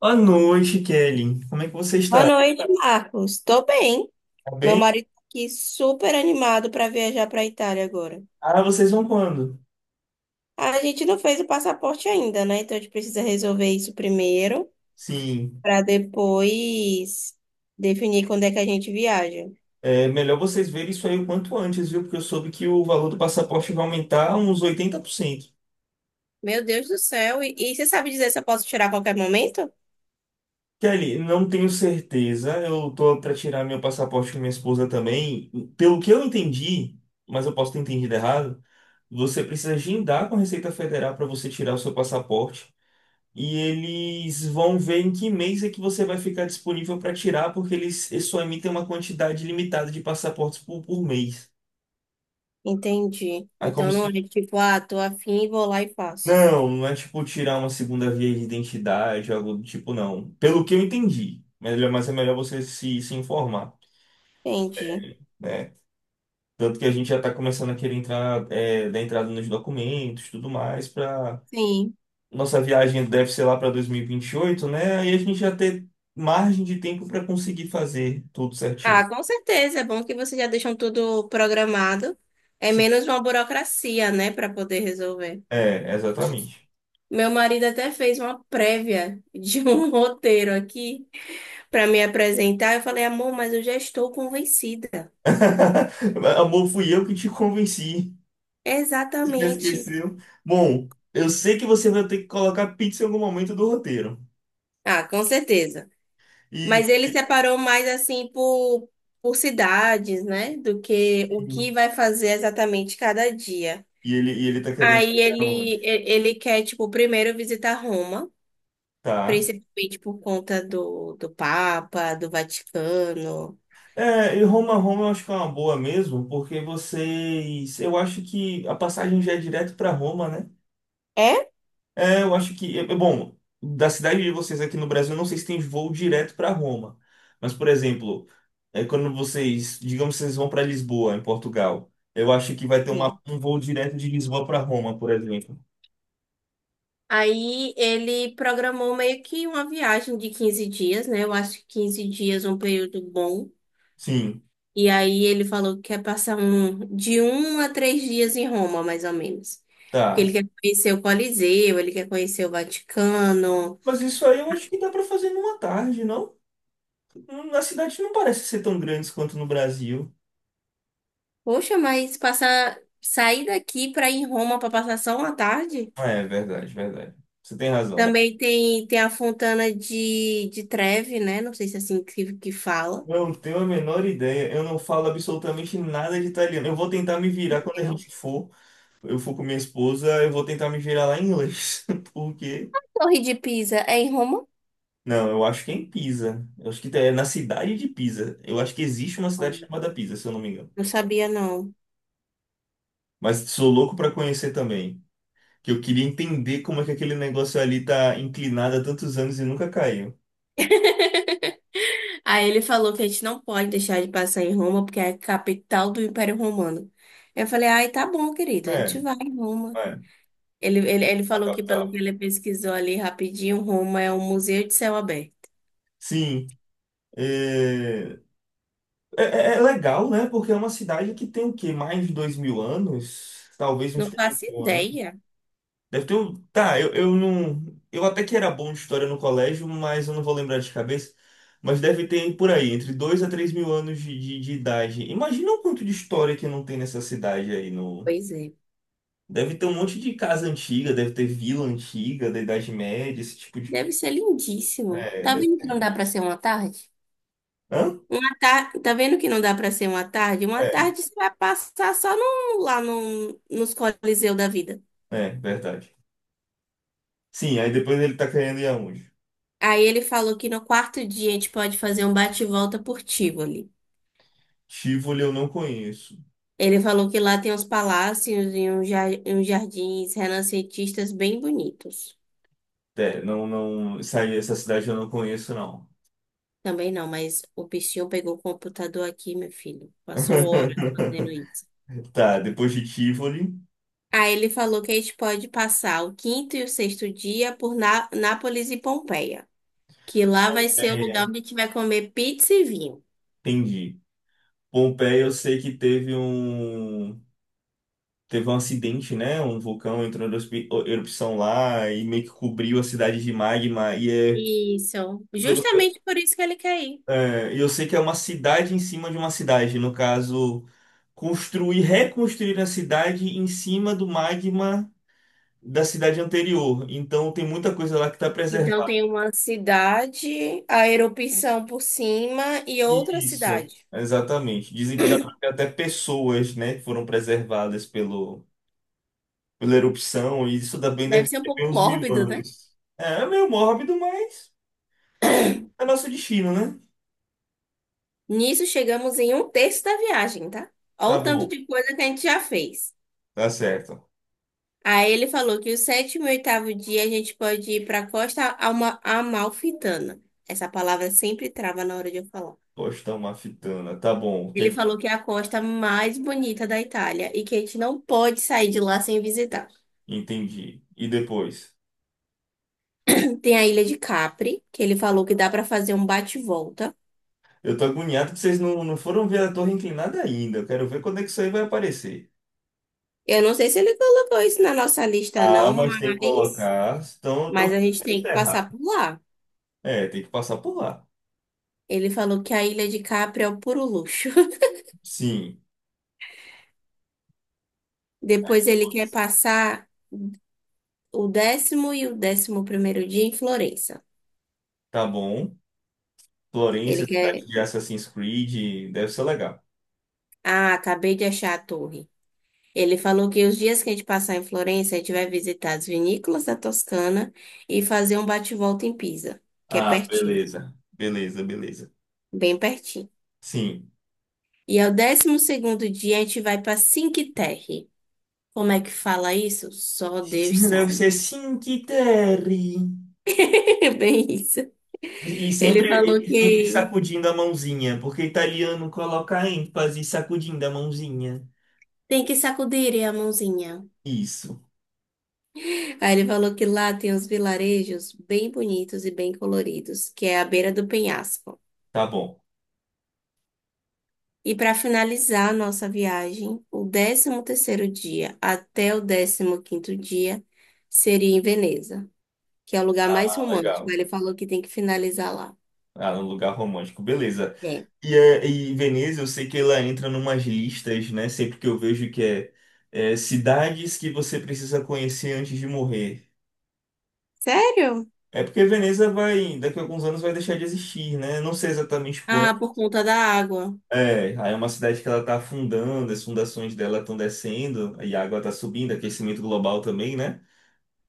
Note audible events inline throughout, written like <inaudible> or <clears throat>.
Boa noite, Kelly. Como é que você Boa está? noite, Marcos. Tô bem. Tá Meu bem? marido tá aqui super animado para viajar para Itália agora. Ah, vocês vão quando? A gente não fez o passaporte ainda, né? Então a gente precisa resolver isso primeiro Sim. para depois definir quando é que a gente viaja. É melhor vocês verem isso aí o quanto antes, viu? Porque eu soube que o valor do passaporte vai aumentar uns 80%. Meu Deus do céu. E você sabe dizer se eu posso tirar a qualquer momento? Kelly, não tenho certeza. Eu tô para tirar meu passaporte com minha esposa também. Pelo que eu entendi, mas eu posso ter entendido errado, você precisa agendar com a Receita Federal para você tirar o seu passaporte. E eles vão ver em que mês é que você vai ficar disponível para tirar, porque eles só emitem uma quantidade limitada de passaportes por mês. Entendi. Aí como Então não é se. tipo, ah, tô afim, vou lá e faço. Não, não é tipo tirar uma segunda via de identidade, algo do tipo, não. Pelo que eu entendi. Melhor- Mas é melhor você se informar, Entendi. né? Tanto que a gente já está começando a querer entrar, dar entrada nos documentos, e tudo mais, para Sim. nossa viagem deve ser lá para dois mil e vinte e oito, né? Aí a gente já ter margem de tempo para conseguir fazer tudo certinho. Ah, com certeza. É bom que vocês já deixam tudo programado. É menos uma burocracia, né, para poder resolver. É, exatamente. Meu marido até fez uma prévia de um <laughs> roteiro aqui para me apresentar. Eu falei, amor, mas eu já estou convencida. <laughs> Amor, fui eu que te convenci. Você Exatamente. esqueceu. Bom, eu sei que você vai ter que colocar pizza em algum momento do roteiro. Ah, com certeza. E, Mas ele separou mais assim por cidades, né, do que o que vai fazer exatamente cada dia. e ele tá querendo Aí ir ele, onde? Ele quer, tipo, primeiro visitar Roma. Tá. Principalmente por conta do Papa, do Vaticano. É, e Roma eu acho que é uma boa mesmo, porque vocês. Eu acho que a passagem já é direto pra Roma, né? É? É, eu acho que. É bom, da cidade de vocês aqui no Brasil, eu não sei se tem voo direto para Roma. Mas, por exemplo, quando vocês. Digamos que vocês vão para Lisboa, em Portugal. Eu acho que vai ter Sim. um voo direto de Lisboa para Roma, por exemplo. Aí ele programou meio que uma viagem de 15 dias, né? Eu acho que 15 dias é um período bom. Sim, E aí ele falou que quer passar um, de 1 a 3 dias em Roma, mais ou menos. Porque tá. ele quer conhecer o Coliseu, ele quer conhecer o Vaticano. Mas isso aí eu acho que dá para fazer numa tarde, não? A cidade não parece ser tão grande quanto no Brasil. Poxa, mas passar, sair daqui para ir em Roma para passar só uma tarde? Ah, é verdade. Você tem razão. Também tem a Fontana de Trevi, né? Não sei se é assim que fala. Não tenho a menor ideia. Eu não falo absolutamente nada de italiano. Eu vou tentar me virar quando Sei a não. gente for. Eu for com minha esposa, eu vou tentar me virar lá em inglês. <laughs> Porque. Torre de Pisa é em Roma? Não, eu acho que é em Pisa. Eu acho que é na cidade de Pisa. Eu acho que existe uma cidade Oh, chamada Pisa, se eu não me engano. não sabia, não. Mas sou louco pra conhecer também. Que eu queria entender como é que aquele negócio ali tá inclinado há tantos anos e nunca caiu. <laughs> Aí ele falou que a gente não pode deixar de passar em Roma, porque é a capital do Império Romano. Eu falei, ai, tá bom, querido, a É, gente vai em Roma. é, Ele a falou que, pelo capital. que ele pesquisou ali rapidinho, Roma é um museu de céu aberto. Sim. É, é legal, né? Porque é uma cidade que tem o quê? Mais de 2.000 anos? Talvez uns Não três faço mil ideia. Deve ter um. Tá, eu não. Eu até que era bom de história no colégio, mas eu não vou lembrar de cabeça. Mas deve ter por aí, entre 2 a 3.000 anos de idade. Imagina o quanto de história que não tem nessa cidade aí no. Pois é. Deve ter um monte de casa antiga, deve ter vila antiga, da Idade Média, esse tipo de. Deve ser lindíssimo. É, Tá deve vendo que ter. não dá pra ser uma tarde? Hã? Uma tarde, tá vendo que não dá para ser uma tarde? Uma É, tarde você vai passar só no, lá no, nos Coliseu da vida. Verdade. Sim, aí depois ele tá querendo ir aonde? Aí ele falou que no quarto dia a gente pode fazer um bate-volta por Tivoli. Tivoli eu não conheço. Ele falou que lá tem uns palácios e e uns jardins renascentistas bem bonitos. É, não. Essa cidade eu não conheço, não. Também não, mas o bichinho pegou o computador aqui, meu filho. Passou horas fazendo <laughs> isso. Tá, depois de Tivoli. Aí ele falou que a gente pode passar o quinto e o sexto dia por Nápoles e Pompeia. Que lá vai ser o lugar Pompeia. onde a gente vai comer pizza e vinho. Entendi. Pompeia, eu sei que teve um acidente, né? Um vulcão entrou em erupção lá e meio que cobriu a cidade de magma e é Isso, pelo- justamente por isso que ele quer ir. é, e eu sei que é uma cidade em cima de uma cidade, no caso, reconstruir a cidade em cima do magma da cidade anterior. Então tem muita coisa lá que está Então preservada. tem uma cidade, a erupção por cima e outra Isso, cidade. exatamente. Dizem que dá pra ver até pessoas, né, que foram preservadas pelo pela erupção, e isso também Deve deve ser um ter pouco bem uns mil mórbido, né? anos. É, é meio mórbido, mas é nosso destino, né? Nisso chegamos em um terço da viagem, tá? Olha Tá o tanto bom, de coisa que a gente já fez. tá certo. Aí ele falou que o sétimo e oitavo dia a gente pode ir para a Costa Alma Amalfitana. Essa palavra sempre trava na hora de eu falar. Poxa, tá uma fitana, tá bom, o que Ele que- falou que é a costa mais bonita da Itália e que a gente não pode sair de lá sem visitar. entendi. E depois? <clears throat> Tem a Ilha de Capri, que ele falou que dá para fazer um bate-volta. Eu tô agoniado que vocês não foram ver a torre inclinada ainda. Eu quero ver quando é que isso aí vai aparecer. Eu não sei se ele colocou isso na nossa lista, Ah, não, mas tem que colocar. Então mas a gente tem está que passar errado. por lá. É, tem que passar por lá. Ele falou que a Ilha de Capri é o puro luxo. <laughs> Sim, Depois ele quer passar o 10º e o 11º dia em Florença. tá bom. Ele Florência, cidade quer. de Assassin's Creed, deve ser legal. Ah, acabei de achar a torre. Ele falou que os dias que a gente passar em Florença, a gente vai visitar as vinícolas da Toscana e fazer um bate-volta em Pisa, que é Ah, pertinho, beleza. Beleza, beleza. bem pertinho. Sim. E ao 12º dia, a gente vai para Cinque Terre. Como é que fala isso? Só Deus Deve sabe. ser sim, que terry. <laughs> É bem isso. E e Ele sempre, falou e sempre que sacudindo a mãozinha, porque italiano coloca ênfase sacudindo a mãozinha. tem que sacudir a mãozinha. Isso, Aí ele falou que lá tem uns vilarejos bem bonitos e bem coloridos, que é à beira do penhasco. tá bom. E para finalizar a nossa viagem, o 13º dia até o 15º dia seria em Veneza, que é o lugar mais Ah, romântico. legal. Ele falou que tem que finalizar lá. Ah, um lugar romântico, beleza. É. E Veneza, eu sei que ela entra numas listas, né? Sempre que eu vejo que cidades que você precisa conhecer antes de morrer. Sério? É porque Veneza vai, daqui a alguns anos vai deixar de existir, né? Não sei exatamente. Ah, por conta da água. É, aí é uma cidade que ela está afundando, as fundações dela estão descendo, e a água está subindo, aquecimento global também, né?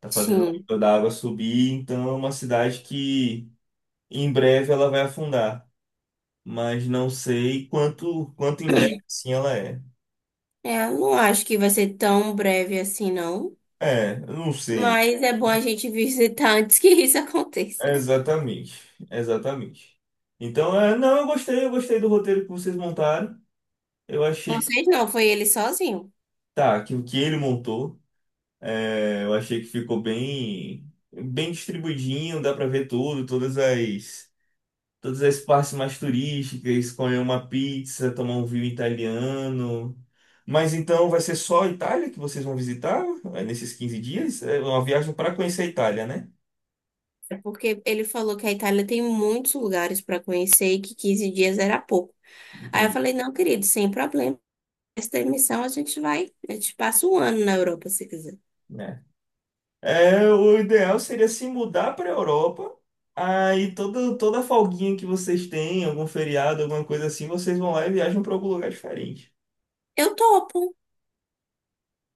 Tá fazendo o Sim. nível da água subir, então é uma cidade que em breve ela vai afundar, mas não sei quanto em breve assim ela é. É, eu não acho que vai ser tão breve assim, não. É, eu não sei. Mas é bom a gente <laughs> visitar antes que isso aconteça. Exatamente, exatamente. Então, é, não, eu gostei, do roteiro que vocês montaram. Eu achei que Vocês não, foi ele sozinho. tá, que o que ele montou. É, eu achei que ficou bem distribuidinho, dá pra ver tudo, todas as partes mais turísticas, comer uma pizza, tomar um vinho italiano. Mas então vai ser só a Itália que vocês vão visitar nesses 15 dias? É uma viagem para conhecer a Itália, né? É porque ele falou que a Itália tem muitos lugares para conhecer e que 15 dias era pouco. Aí eu Entendi, falei, não, querido, sem problema. Essa emissão a gente vai, a gente passa um ano na Europa, se quiser. né? É, o ideal seria se mudar para a Europa. Aí toda folguinha que vocês têm, algum feriado, alguma coisa assim, vocês vão lá e viajam para algum lugar diferente. Eu topo,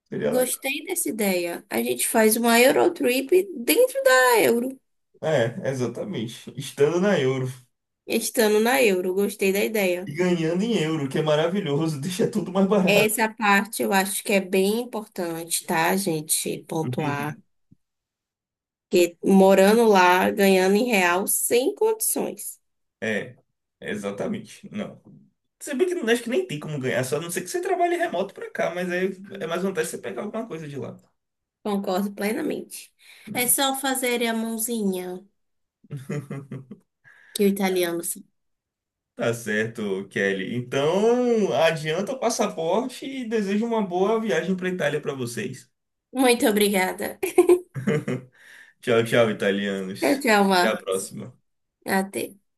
Seria gostei dessa ideia. A gente faz uma Eurotrip dentro da Euro, é, exatamente. Estando na euro. estando na Euro, gostei da ideia. E ganhando em euro, que é maravilhoso, <laughs> deixa tudo mais barato. Essa parte eu acho que é bem importante, tá, gente? Pontuar. <laughs> Porque morando lá, ganhando em real, sem condições. É, exatamente. Não. Se bem que não acho que nem tem como ganhar, só a não ser que você trabalhe remoto pra cá, mas aí é mais vantagem você pegar alguma coisa de lá. Concordo plenamente. <laughs> Né? É só fazer a mãozinha que o italiano sabe. Tá certo, Kelly. Então, adianta o passaporte e desejo uma boa viagem pra Itália pra vocês. Muito obrigada. <laughs> <laughs> Tchau, tchau, Tchau, italianos. tchau, Até a Marcos. próxima. Até.